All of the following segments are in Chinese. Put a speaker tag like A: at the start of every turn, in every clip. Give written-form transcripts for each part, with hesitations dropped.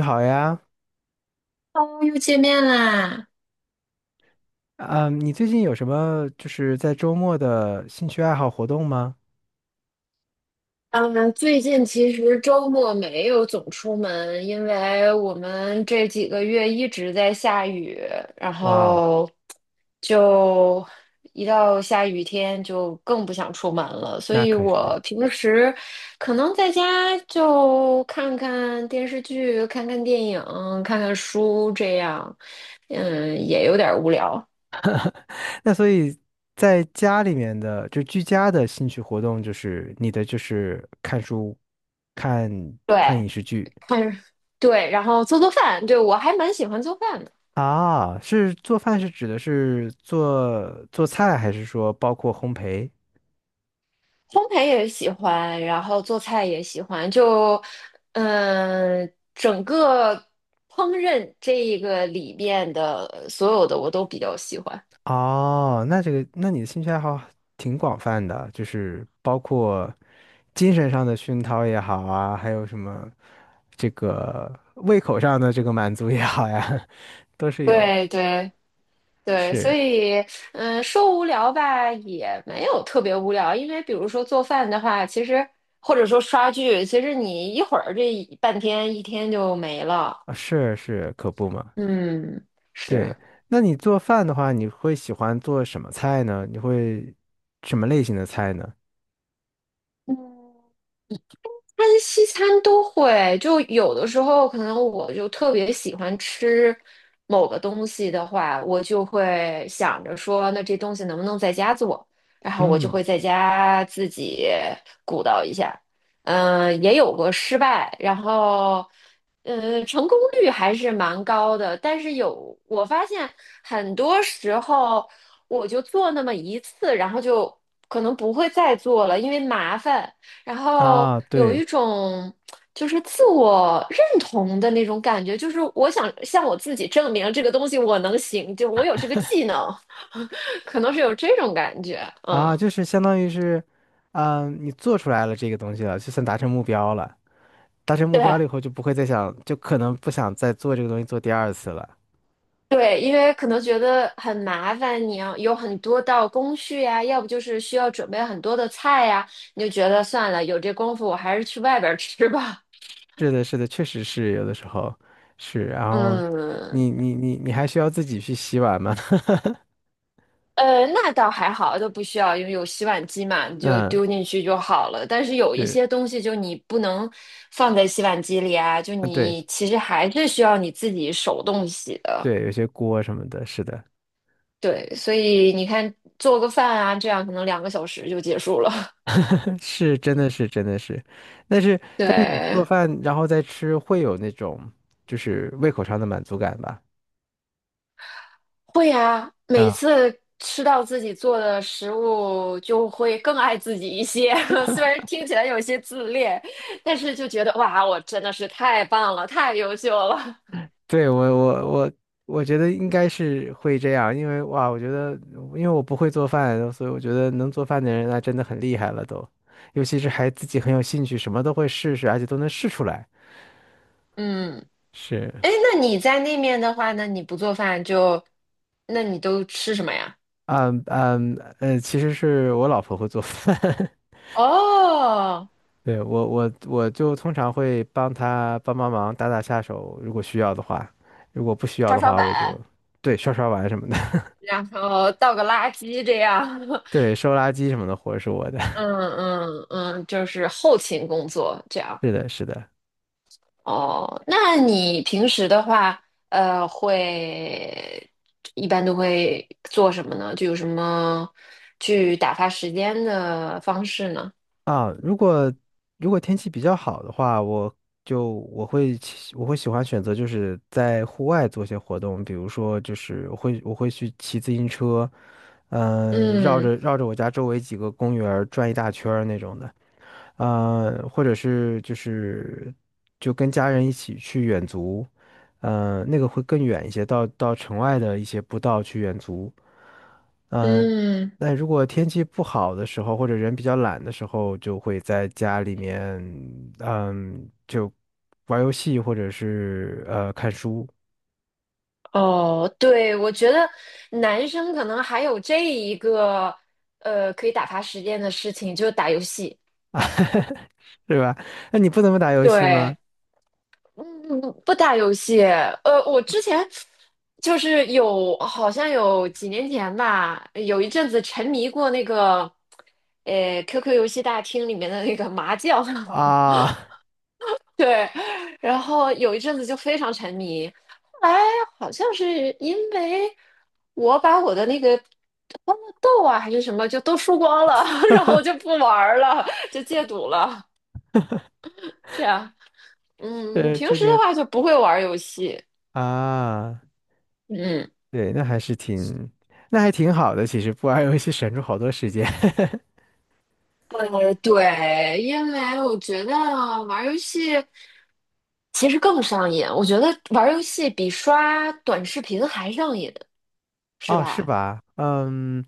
A: 你好呀，
B: 哦又见面啦！
A: 嗯，你最近有什么在周末的兴趣爱好活动吗？
B: 嗯，最近其实周末没有总出门，因为我们这几个月一直在下雨，然
A: 哇哦，
B: 后就一到下雨天就更不想出门了。所
A: 那
B: 以
A: 可是。
B: 我平时可能在家就看看电视剧、看看电影、看看书这样，也有点无聊。
A: 那所以在家里面的居家的兴趣活动，你的看书、看
B: 对，
A: 看影视剧。
B: 看，对，然后做做饭，对，我还蛮喜欢做饭的。
A: 啊，是做饭是指的是做菜，还是说包括烘焙？
B: 烘焙也喜欢，然后做菜也喜欢，就整个烹饪这一个里边的所有的我都比较喜欢。
A: 哦，那这个，那你的兴趣爱好挺广泛的，就是包括精神上的熏陶也好啊，还有什么这个胃口上的这个满足也好呀，都是有。
B: 对对对，所
A: 是
B: 以说无聊吧也没有特别无聊，因为比如说做饭的话，其实或者说刷剧，其实你一会儿这一半天一天就没了。
A: 啊，是是，可不嘛。
B: 嗯，
A: 对，
B: 是。
A: 那你做饭的话，你会喜欢做什么菜呢？你会什么类型的菜呢？
B: 嗯但是西餐都会，就有的时候可能我就特别喜欢吃某个东西的话，我就会想着说，那这东西能不能在家做？然后我就
A: 嗯，
B: 会在家自己鼓捣一下。也有过失败，然后，成功率还是蛮高的。但是有，我发现很多时候我就做那么一次，然后就可能不会再做了，因为麻烦。然后
A: 啊，
B: 有
A: 对
B: 一种就是自我认同的那种感觉，就是我想向我自己证明这个东西我能行，就我有这个技能，可能是有这种感觉。
A: 啊，
B: 嗯，
A: 就是相当于是，你做出来了这个东西了，就算达成目标了。达成目标
B: 对
A: 了以后，就不会再想，就可能不想再做这个东西做第二次了。
B: 对，因为可能觉得很麻烦，你要有很多道工序呀、要不就是需要准备很多的菜呀、你就觉得算了，有这功夫我还是去外边儿吃吧。
A: 是的，是的，确实是有的时候是。然 后
B: 嗯，
A: 你还需要自己去洗碗吗？
B: 那倒还好，都不需要，因为有洗碗机嘛，你就
A: 嗯，
B: 丢进去就好了。但是有一
A: 是，
B: 些东西，就你不能放在洗碗机里啊，就
A: 啊，对
B: 你其实还是需要你自己手动洗的。
A: 对，有些锅什么的，是的。
B: 对，所以你看，做个饭啊，这样可能两个小时就结束了。
A: 是真的是真的是，但是 但是你做
B: 对，
A: 饭然后再吃，会有那种胃口上的满足感吧？
B: 会啊，每
A: 啊。
B: 次吃到自己做的食物，就会更爱自己一些。虽然听起来有些自恋，但是就觉得哇，我真的是太棒了，太优秀了。
A: 对，我我觉得应该是会这样，因为哇，我觉得因为我不会做饭，所以我觉得能做饭的人那真的很厉害了都，尤其是还自己很有兴趣，什么都会试试，而且都能试出来。
B: 嗯。
A: 是，
B: 哎，那你在那面的话呢，那你不做饭就，那你都吃什么呀？
A: 其实是我老婆会做饭。
B: 哦，
A: 对，我就通常会帮她帮忙打下手，如果需要的话，如果不需要
B: 刷
A: 的
B: 刷
A: 话，我就
B: 碗，
A: 对刷碗什么的。
B: 然后倒个垃圾这样，
A: 对收垃圾什么的活儿是我的，
B: 嗯嗯嗯，就是后勤工作这 样。
A: 是的，是的。
B: 哦，那你平时的话，会一般都会做什么呢？就有什么去打发时间的方式呢？
A: 啊，如果天气比较好的话，我会喜欢选择在户外做些活动，比如说我会去骑自行车，
B: 嗯
A: 绕着我家周围几个公园儿转一大圈儿那种的，或者是就跟家人一起去远足，那个会更远一些，到城外的一些步道去远足。嗯，
B: 嗯。
A: 那如果天气不好的时候，或者人比较懒的时候，就会在家里面，嗯，就玩游戏或者是看书，
B: 哦，对，我觉得男生可能还有这一个可以打发时间的事情，就是打游戏。
A: 是吧？那你不怎么打游戏吗？
B: 对，嗯，不打游戏。我之前就是有，好像有几年前吧，有一阵子沉迷过那个QQ 游戏大厅里面的那个麻将。
A: 啊，
B: 对，然后有一阵子就非常沉迷，后来好像是因为我把我的那个欢乐豆啊还是什么就都输光了，然后我就不玩儿了，就戒赌了。这样，
A: 呃，
B: 平
A: 这
B: 时的
A: 个
B: 话就不会玩儿游戏，
A: 啊，
B: 嗯。
A: 对，那还是挺，那还挺好的。其实不玩游戏省出好多时间。
B: 对，因为我觉得玩儿游戏其实更上瘾，我觉得玩儿游戏比刷短视频还上瘾，是
A: 哦，是
B: 吧？
A: 吧？嗯，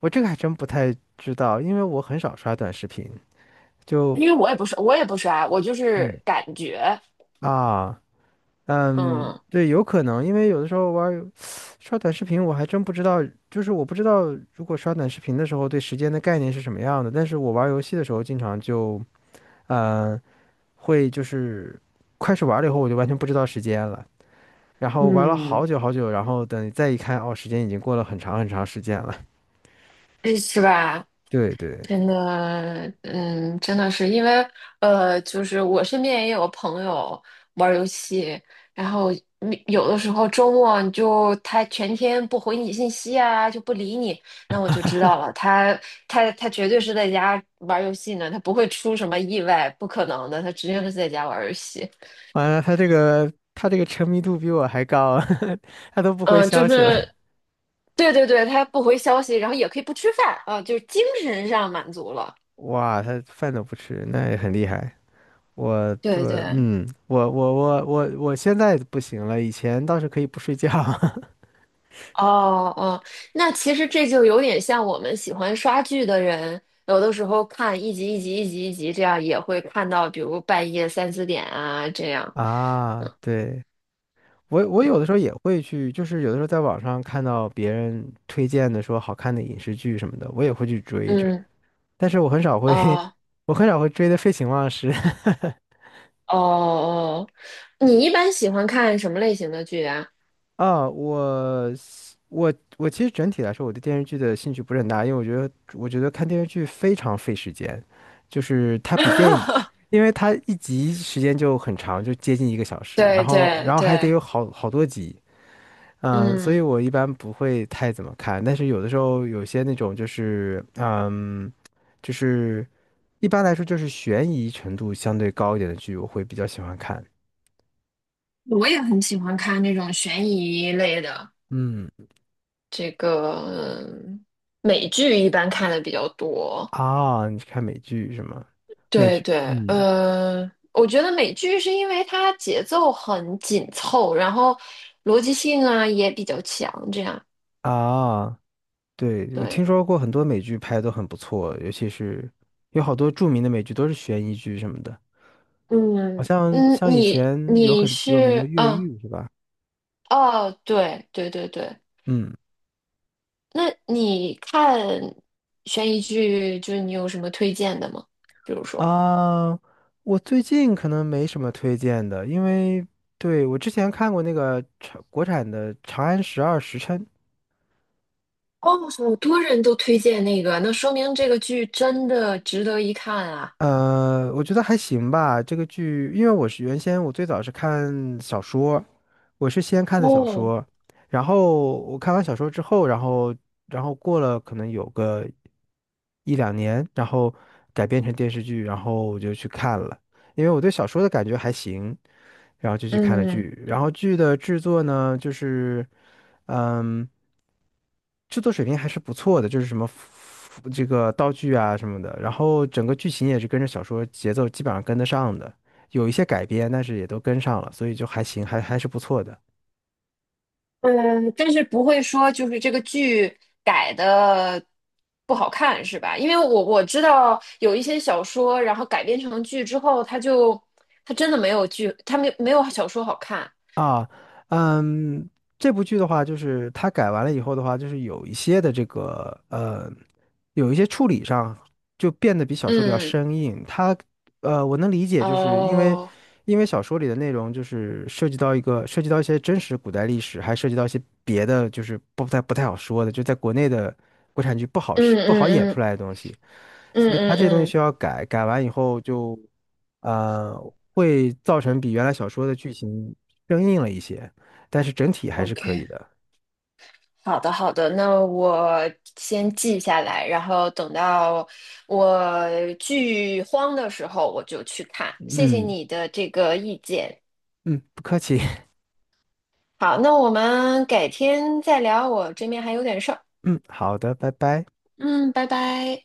A: 我这个还真不太知道，因为我很少刷短视频，就
B: 因为我也不刷，我也不刷，我就
A: 嗯，
B: 是感觉。
A: 啊。嗯，
B: 嗯，
A: 对，有可能，因为有的时候刷短视频，我还真不知道，就是我不知道如果刷短视频的时候对时间的概念是什么样的。但是我玩儿游戏的时候，经常就，嗯，会就是开始玩了以后，我就完全不知道时间了。然后玩了
B: 嗯，
A: 好久好久，然后等再一看，哦，时间已经过了很长很长时间了。
B: 诶是吧？
A: 对对，
B: 真的，真的是因为，就是我身边也有朋友玩儿游戏，然后你有的时候周末你就他全天不回你信息啊，就不理你，那我就知道了，他绝对是在家玩儿游戏呢，他不会出什么意外，不可能的，他直接是在家玩儿游戏。
A: 完了，他这个沉迷度比我还高，他都不回
B: 就
A: 消息了。
B: 是对对对，他不回消息，然后也可以不吃饭啊，就是精神上满足了。
A: 哇，他饭都不吃，那也很厉害。我对，
B: 对对，
A: 嗯，我我现在不行了，以前倒是可以不睡觉。
B: 哦哦，那其实这就有点像我们喜欢刷剧的人，有的时候看一集一集一集一集，这样也会看到，比如半夜三四点啊这 样。
A: 啊。对，我有的时候也会去，就是有的时候在网上看到别人推荐的说好看的影视剧什么的，我也会去追一追，
B: 嗯，
A: 但是我很少会，
B: 哦
A: 我很少会追的废寝忘食。
B: 哦哦，你一般喜欢看什么类型的剧啊？
A: 啊，我是我我其实整体来说，我对电视剧的兴趣不是很大，因为我觉得看电视剧非常费时间，就是它比电影，因为它一集时间就很长，就接近一个小时，
B: 对对
A: 然后还得
B: 对，
A: 有好多集，嗯，所
B: 嗯，
A: 以我一般不会太怎么看，但是有的时候有些那种就是嗯，就是一般来说就是悬疑程度相对高一点的剧，我会比较喜欢看，
B: 我也很喜欢看那种悬疑类的。
A: 嗯。
B: 这个嗯美剧一般看的比较多。
A: 啊，你是看美剧是吗？美
B: 对
A: 剧
B: 对，
A: 嗯，
B: 我觉得美剧是因为它节奏很紧凑，然后逻辑性啊也比较强，这样。
A: 啊，对，我听
B: 对，
A: 说过很多美剧拍的都很不错，尤其是有好多著名的美剧都是悬疑剧什么的，好
B: 嗯
A: 像
B: 嗯，
A: 像以
B: 你
A: 前有
B: 你
A: 很有名的
B: 是
A: 《越
B: 嗯
A: 狱》是吧？
B: 哦，对对对对，
A: 嗯
B: 那你看悬疑剧，就是你有什么推荐的吗？比如说，
A: 啊，我最近可能没什么推荐的，因为对我之前看过那个长国产的《长安十二时辰》，
B: 哦，好多人都推荐那个，那说明这个剧真的值得一看啊。
A: 呃，我觉得还行吧。这个剧，因为我最早是看小说，我是先看的小
B: 哦，
A: 说，然后我看完小说之后，然后过了可能有个一两年，然后改编成电视剧，然后我就去看了。因为我对小说的感觉还行，然后就去看了
B: 嗯。
A: 剧。然后剧的制作呢，就是嗯，制作水平还是不错的，就是什么这个道具啊什么的，然后整个剧情也是跟着小说节奏基本上跟得上的，有一些改编，但是也都跟上了，所以就还行，还是不错的
B: 嗯，但是不会说就是这个剧改的不好看是吧？因为我知道有一些小说，然后改编成剧之后，它真的没有剧，它没有小说好看。
A: 啊。嗯，这部剧的话，就是它改完了以后的话，就是有一些的这个有一些处理上就变得比小说里要
B: 嗯，
A: 生硬，它我能理解，就是因为，
B: 哦，
A: 因为小说里的内容涉及到涉及到一些真实古代历史，还涉及到一些别的，就是不太好说的，就在国内的国产剧
B: 嗯
A: 不好演
B: 嗯
A: 出
B: 嗯
A: 来的东西，
B: 嗯
A: 所以它
B: 嗯
A: 这东西需
B: 嗯
A: 要改，改完以后就，呃，会造成比原来小说的剧情生硬了一些，但是整体还是可以
B: ，OK，
A: 的。
B: 好的好的，那我先记下来，然后等到我剧荒的时候我就去看。谢谢
A: 嗯
B: 你的这个意见。
A: 嗯，不客气。
B: 好，那我们改天再聊，我这边还有点事儿。
A: 嗯，好的，拜拜。
B: 嗯，拜拜。